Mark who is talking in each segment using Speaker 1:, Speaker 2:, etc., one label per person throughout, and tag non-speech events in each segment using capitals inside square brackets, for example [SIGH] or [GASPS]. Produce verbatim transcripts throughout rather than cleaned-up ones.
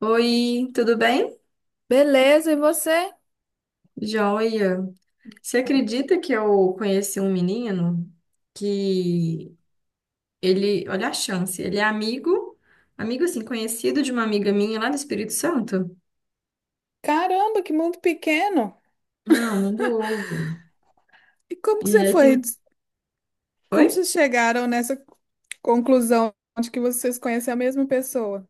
Speaker 1: Oi, tudo bem?
Speaker 2: Beleza, e você?
Speaker 1: Joia. Você acredita que eu conheci um menino que ele, olha a chance, ele é amigo, amigo assim, conhecido de uma amiga minha lá do Espírito Santo?
Speaker 2: Caramba, que mundo pequeno!
Speaker 1: Não, não do ovo.
Speaker 2: E como que
Speaker 1: E
Speaker 2: você
Speaker 1: aí
Speaker 2: foi?
Speaker 1: tem,
Speaker 2: Como
Speaker 1: Oi?
Speaker 2: vocês chegaram nessa conclusão de que vocês conhecem a mesma pessoa?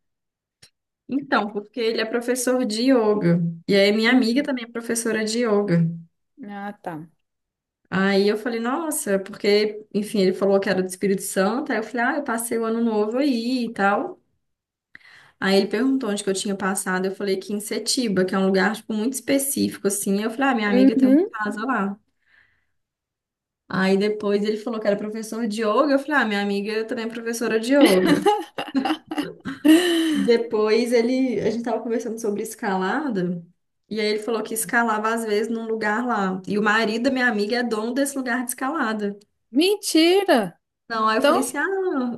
Speaker 1: Então, porque ele é professor de yoga. E aí minha amiga
Speaker 2: Hum,
Speaker 1: também é professora de yoga.
Speaker 2: ah, tá.
Speaker 1: Aí eu falei, nossa, porque, enfim, ele falou que era do Espírito Santo. Aí eu falei, ah, eu passei o ano novo aí e tal. Aí ele perguntou onde que eu tinha passado, eu falei que em Setiba, que é um lugar, tipo, muito específico, assim. Eu falei, ah, minha amiga tem uma
Speaker 2: Uhum.
Speaker 1: casa lá. Aí depois ele falou que era professor de yoga, eu falei, ah, minha amiga também é professora de yoga.
Speaker 2: [GASPS]
Speaker 1: Depois ele, a gente tava conversando sobre escalada, e aí ele falou que escalava às vezes num lugar lá. E o marido da minha amiga é dono desse lugar de escalada.
Speaker 2: Mentira!
Speaker 1: Não, aí eu falei
Speaker 2: Então,
Speaker 1: assim, ah,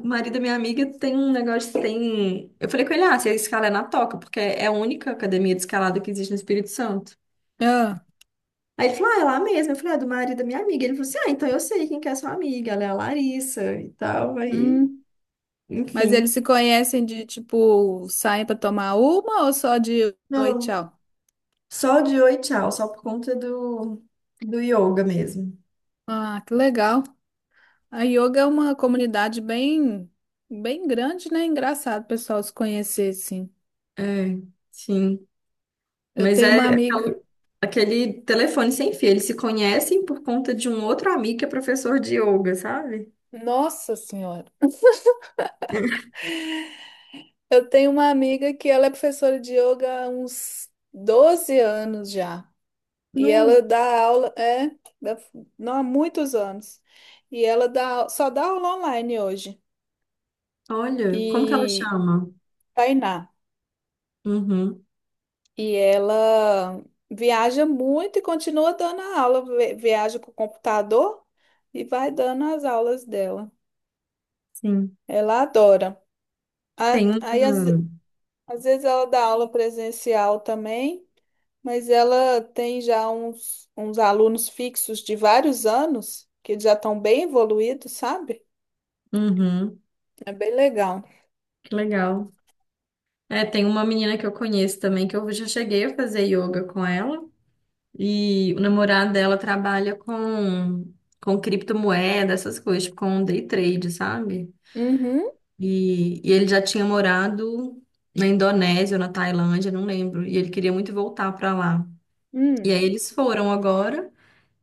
Speaker 1: o marido da minha amiga tem um negócio, tem... Eu falei com ele, ah, você escala é na Toca, porque é a única academia de escalada que existe no Espírito Santo.
Speaker 2: ah,
Speaker 1: Aí ele falou, ah, é lá mesmo. Eu falei, ah, é do marido da minha amiga. Ele falou assim, ah, então eu sei quem que é sua amiga, ela é a Larissa e tal. Aí,
Speaker 2: hum, mas
Speaker 1: enfim.
Speaker 2: eles se conhecem de tipo, saem pra tomar uma ou só de oi,
Speaker 1: Não,
Speaker 2: tchau?
Speaker 1: só de oi, tchau, só por conta do, do yoga mesmo.
Speaker 2: Ah, que legal. A yoga é uma comunidade bem, bem grande, né? Engraçado, o pessoal se conhecer, assim.
Speaker 1: É, sim.
Speaker 2: Eu
Speaker 1: Mas
Speaker 2: tenho uma
Speaker 1: é aquela-
Speaker 2: amiga.
Speaker 1: aquele telefone sem fio. Eles se conhecem por conta de um outro amigo que é professor de yoga, sabe?
Speaker 2: Nossa Senhora. Eu tenho uma amiga que ela é professora de yoga há uns doze anos já. E
Speaker 1: Nu,
Speaker 2: ela dá aula, é, dá- não há muitos anos. E ela dá, au- só dá aula online hoje.
Speaker 1: olha,
Speaker 2: E
Speaker 1: como que ela chama?
Speaker 2: Tainá.
Speaker 1: Uhum,
Speaker 2: E ela viaja muito e continua dando a aula. Vi- Viaja com o computador e vai dando as aulas dela.
Speaker 1: sim.
Speaker 2: Ela adora. A-
Speaker 1: Tem
Speaker 2: Aí, às,
Speaker 1: um.
Speaker 2: às vezes, ela dá aula presencial também. Mas ela tem já uns, uns alunos fixos de vários anos, que já estão bem evoluídos, sabe?
Speaker 1: Uhum,
Speaker 2: É bem legal.
Speaker 1: que legal. É, tem uma menina que eu conheço também, que eu já cheguei a fazer yoga com ela, e o namorado dela trabalha com, com, criptomoeda, essas coisas, tipo, com day trade, sabe?
Speaker 2: Uhum.
Speaker 1: E, e ele já tinha morado na Indonésia ou na Tailândia, não lembro, e ele queria muito voltar pra lá. E
Speaker 2: Hum.
Speaker 1: aí eles foram agora,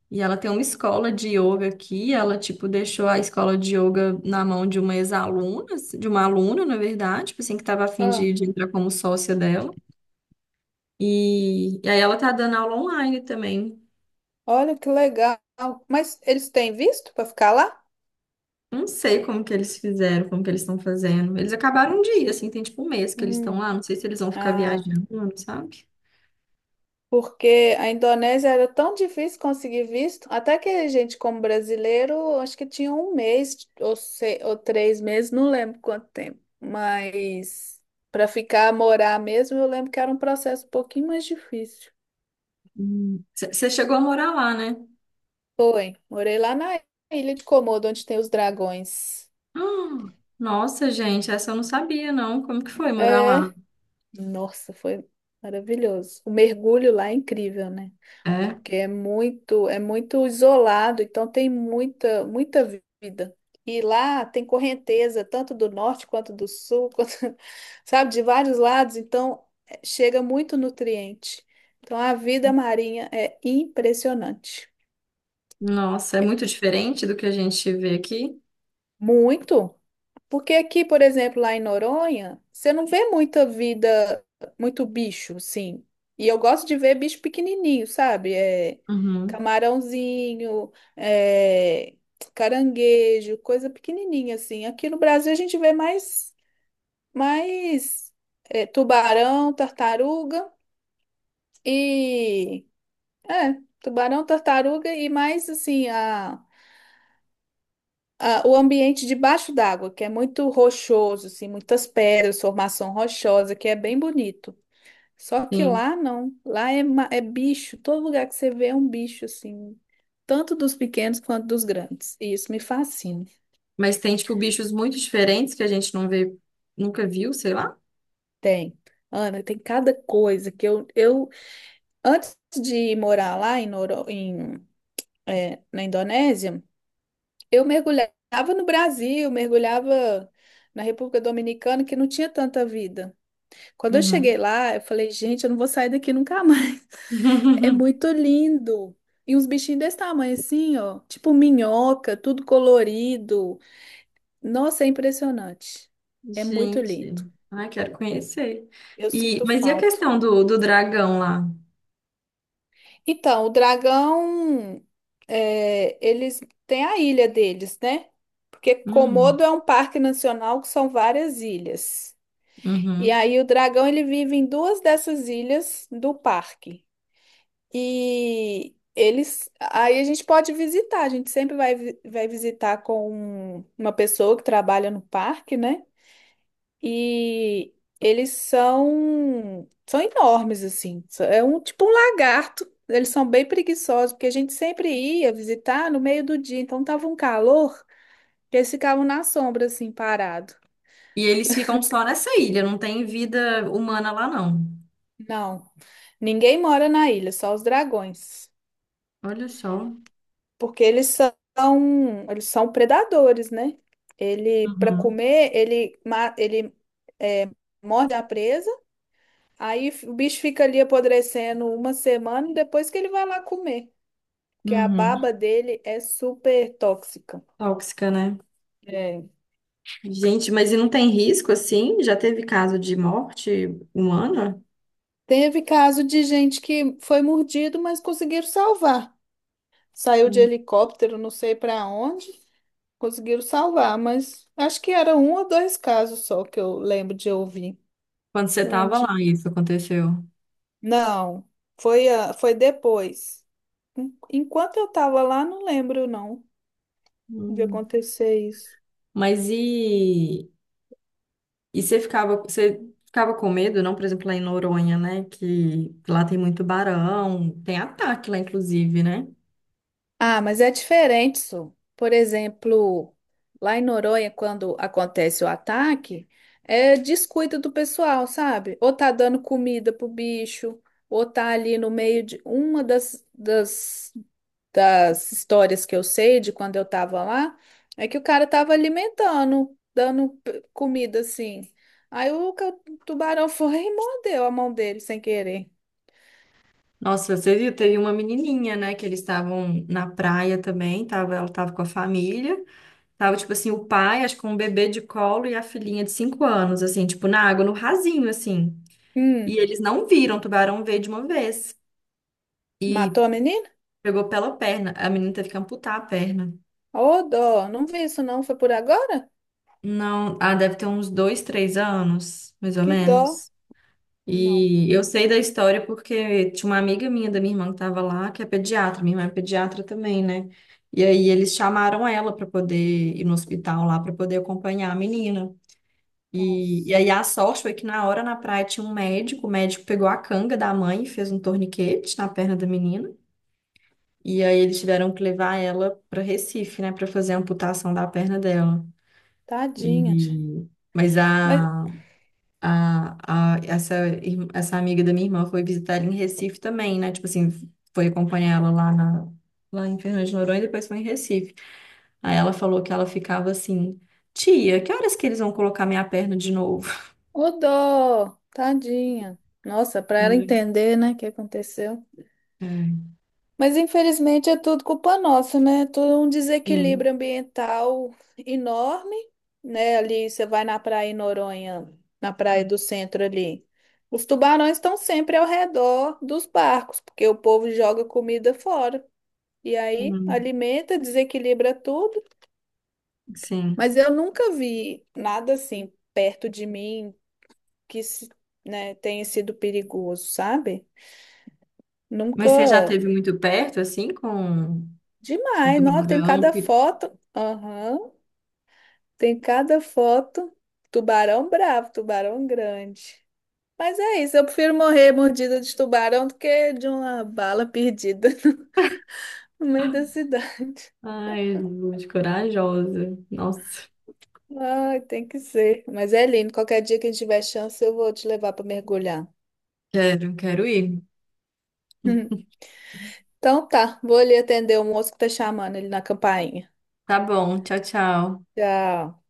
Speaker 1: e ela tem uma escola de yoga aqui, ela, tipo, deixou a escola de yoga na mão de uma ex-aluna, de uma aluna, na verdade, tipo assim, que tava a fim de,
Speaker 2: Ah,
Speaker 1: de entrar como sócia dela. E, e aí ela tá dando aula online também.
Speaker 2: olha que legal. Mas eles têm visto para ficar lá?
Speaker 1: Não sei como que eles fizeram, como que eles estão fazendo. Eles acabaram um dia, assim, tem tipo um mês que eles estão
Speaker 2: Hum.
Speaker 1: lá. Não sei se eles vão ficar
Speaker 2: Ah,
Speaker 1: viajando, sabe?
Speaker 2: porque a Indonésia era tão difícil conseguir visto, até que a gente, como brasileiro, acho que tinha um mês ou, se- ou três meses, não lembro quanto tempo. Mas para ficar, morar mesmo, eu lembro que era um processo um pouquinho mais difícil.
Speaker 1: Hum. Você chegou a morar lá, né? [GASPS]
Speaker 2: Foi. Morei lá na ilha de Komodo, onde tem os dragões.
Speaker 1: Ah, nossa, gente, essa eu não sabia, não. Como que foi morar lá?
Speaker 2: É, nossa, foi maravilhoso. O mergulho lá é incrível, né?
Speaker 1: É?
Speaker 2: Porque é muito, é muito isolado, então tem muita, muita vida. E lá tem correnteza, tanto do norte quanto do sul, [LAUGHS] quanto, sabe, de vários lados, então eh, chega muito nutriente. Então a vida marinha é impressionante.
Speaker 1: Nossa, é muito diferente do que a gente vê aqui?
Speaker 2: Muito. Porque aqui, por exemplo, lá em Noronha, você não vê muita vida, muito bicho, sim. E eu gosto de ver bicho pequenininho, sabe? É
Speaker 1: Uhum,
Speaker 2: camarãozinho, é caranguejo, coisa pequenininha assim. Aqui no Brasil a gente vê mais, mais é, tubarão, tartaruga e é, tubarão, tartaruga e mais assim a Ah, o ambiente debaixo d'água, que é muito rochoso, assim, muitas pedras, formação rochosa, que é bem bonito. Só que
Speaker 1: sim.
Speaker 2: lá não, lá é, ma- é bicho, todo lugar que você vê é um bicho, assim, tanto dos pequenos quanto dos grandes. E isso me fascina.
Speaker 1: Mas tem, tipo, bichos muito diferentes que a gente não vê, nunca viu, sei lá.
Speaker 2: Tem. Ana, tem cada coisa que eu, eu antes de morar lá em, Noro, em, eh, na Indonésia, eu mergulhava no Brasil, mergulhava na República Dominicana, que não tinha tanta vida. Quando eu cheguei
Speaker 1: Uhum.
Speaker 2: lá, eu falei, gente, eu não vou sair daqui nunca mais. [LAUGHS] É
Speaker 1: [LAUGHS]
Speaker 2: muito lindo. E uns bichinhos desse tamanho assim, ó, tipo minhoca, tudo colorido. Nossa, é impressionante. É muito
Speaker 1: Gente,
Speaker 2: lindo.
Speaker 1: ai, quero conhecer.
Speaker 2: Eu
Speaker 1: E,
Speaker 2: sinto
Speaker 1: mas e a
Speaker 2: falta.
Speaker 1: questão do, do dragão lá?
Speaker 2: Então, o dragão, é, eles têm a ilha deles, né? Porque
Speaker 1: Hum,
Speaker 2: Komodo é um parque nacional que são várias ilhas. E
Speaker 1: uhum.
Speaker 2: aí o dragão ele vive em duas dessas ilhas do parque. E eles. Aí a gente pode visitar, a gente sempre vai, vi- vai visitar com uma pessoa que trabalha no parque, né? E eles são. São enormes, assim. É um tipo um lagarto. Eles são bem preguiçosos, porque a gente sempre ia visitar no meio do dia, então tava um calor que eles ficavam na sombra, assim, parado.
Speaker 1: E eles ficam só nessa ilha, não tem vida humana lá, não.
Speaker 2: Não, ninguém mora na ilha, só os dragões.
Speaker 1: Olha só.
Speaker 2: Porque eles são, eles são predadores, né? Ele, para
Speaker 1: Uhum,
Speaker 2: comer, ele, ma- ele é, morde a presa, aí f- o bicho fica ali apodrecendo uma semana e depois que ele vai lá comer, porque a
Speaker 1: uhum.
Speaker 2: baba dele é super tóxica.
Speaker 1: Tóxica, né?
Speaker 2: É.
Speaker 1: Gente, mas e não tem risco assim? Já teve caso de morte humana?
Speaker 2: Teve caso de gente que foi mordido, mas conseguiram salvar. Saiu de
Speaker 1: Hum.
Speaker 2: helicóptero, não sei para onde, conseguiram salvar, mas acho que era um ou dois casos só que eu lembro de ouvir.
Speaker 1: Quando você
Speaker 2: Não lembro
Speaker 1: tava lá,
Speaker 2: de
Speaker 1: isso aconteceu.
Speaker 2: Não, foi, a- foi depois. En- Enquanto eu tava lá, não lembro, não, de
Speaker 1: Hum.
Speaker 2: acontecer isso.
Speaker 1: Mas e, e você ficava, você ficava com medo, não? Por exemplo, lá em Noronha, né? Que lá tem muito barão, tem ataque lá, inclusive, né?
Speaker 2: Ah, mas é diferente, Su. Por exemplo, lá em Noronha, quando acontece o ataque, é descuido do pessoal, sabe? Ou tá dando comida pro bicho, ou tá ali no meio de uma das, das das histórias que eu sei de quando eu tava lá, é que o cara tava alimentando, dando p- comida assim. Aí o ca- tubarão [LAUGHS] foi e mordeu a mão dele sem querer.
Speaker 1: Nossa, você viu? Teve uma menininha, né? Que eles estavam na praia também, tava, ela tava com a família. Tava, tipo assim, o pai, acho que com um bebê de colo e a filhinha de cinco anos, assim, tipo, na água, no rasinho, assim. E
Speaker 2: Hum,
Speaker 1: eles não viram, o tubarão veio de uma vez.
Speaker 2: matou a menina?
Speaker 1: Pegou pela perna. A menina teve que amputar a perna.
Speaker 2: Ô, dó, não vi isso não, foi por agora?
Speaker 1: Não, ah, deve ter uns dois, três anos, mais ou
Speaker 2: Que dó.
Speaker 1: menos.
Speaker 2: Não.
Speaker 1: E eu
Speaker 2: Hum,
Speaker 1: sei da história porque tinha uma amiga minha da minha irmã que tava lá, que é pediatra. Minha irmã é pediatra também, né? E aí eles chamaram ela para poder ir no hospital lá para poder acompanhar a menina. E, e
Speaker 2: nossa,
Speaker 1: aí a sorte foi que na hora na praia tinha um médico, o médico pegou a canga da mãe e fez um torniquete na perna da menina. E aí eles tiveram que levar ela para Recife, né, para fazer a amputação da perna dela.
Speaker 2: tadinha, gente.
Speaker 1: E mas
Speaker 2: Mas,
Speaker 1: a, a, a essa irm- essa amiga da minha irmã foi visitar ela em Recife também, né? Tipo assim, foi acompanhar ela lá na lá em Fernando de Noronha e depois foi em Recife. Aí ela falou que ela ficava assim, tia, que horas que eles vão colocar minha perna de novo?
Speaker 2: ô, dó, tadinha. Nossa, pra ela
Speaker 1: [LAUGHS]
Speaker 2: entender, né, o que aconteceu.
Speaker 1: É.
Speaker 2: Mas infelizmente é tudo culpa nossa, né? É todo um
Speaker 1: Sim.
Speaker 2: desequilíbrio ambiental enorme, né? Ali você vai na praia em Noronha, na praia do centro ali. Os tubarões estão sempre ao redor dos barcos, porque o povo joga comida fora. E aí
Speaker 1: Hum,
Speaker 2: alimenta, desequilibra tudo.
Speaker 1: sim.
Speaker 2: Mas eu nunca vi nada assim perto de mim que, se- né, tenha sido perigoso, sabe?
Speaker 1: Mas você já
Speaker 2: Nunca.
Speaker 1: teve muito perto, assim, com com o
Speaker 2: Demais, não, tem
Speaker 1: tubarão?
Speaker 2: cada
Speaker 1: Que...
Speaker 2: foto. Aham. Tem cada foto, tubarão bravo, tubarão grande. Mas é isso, eu prefiro morrer mordida de tubarão do que de uma bala perdida [LAUGHS] no meio da cidade.
Speaker 1: Ai, gente, corajosa. Nossa,
Speaker 2: Ai, tem que ser. Mas é lindo, qualquer dia que a gente tiver chance, eu vou te levar para mergulhar.
Speaker 1: quero, quero ir.
Speaker 2: [LAUGHS] Então tá, vou ali atender o moço que tá chamando ele na campainha.
Speaker 1: Tá bom, tchau, tchau.
Speaker 2: Tchau.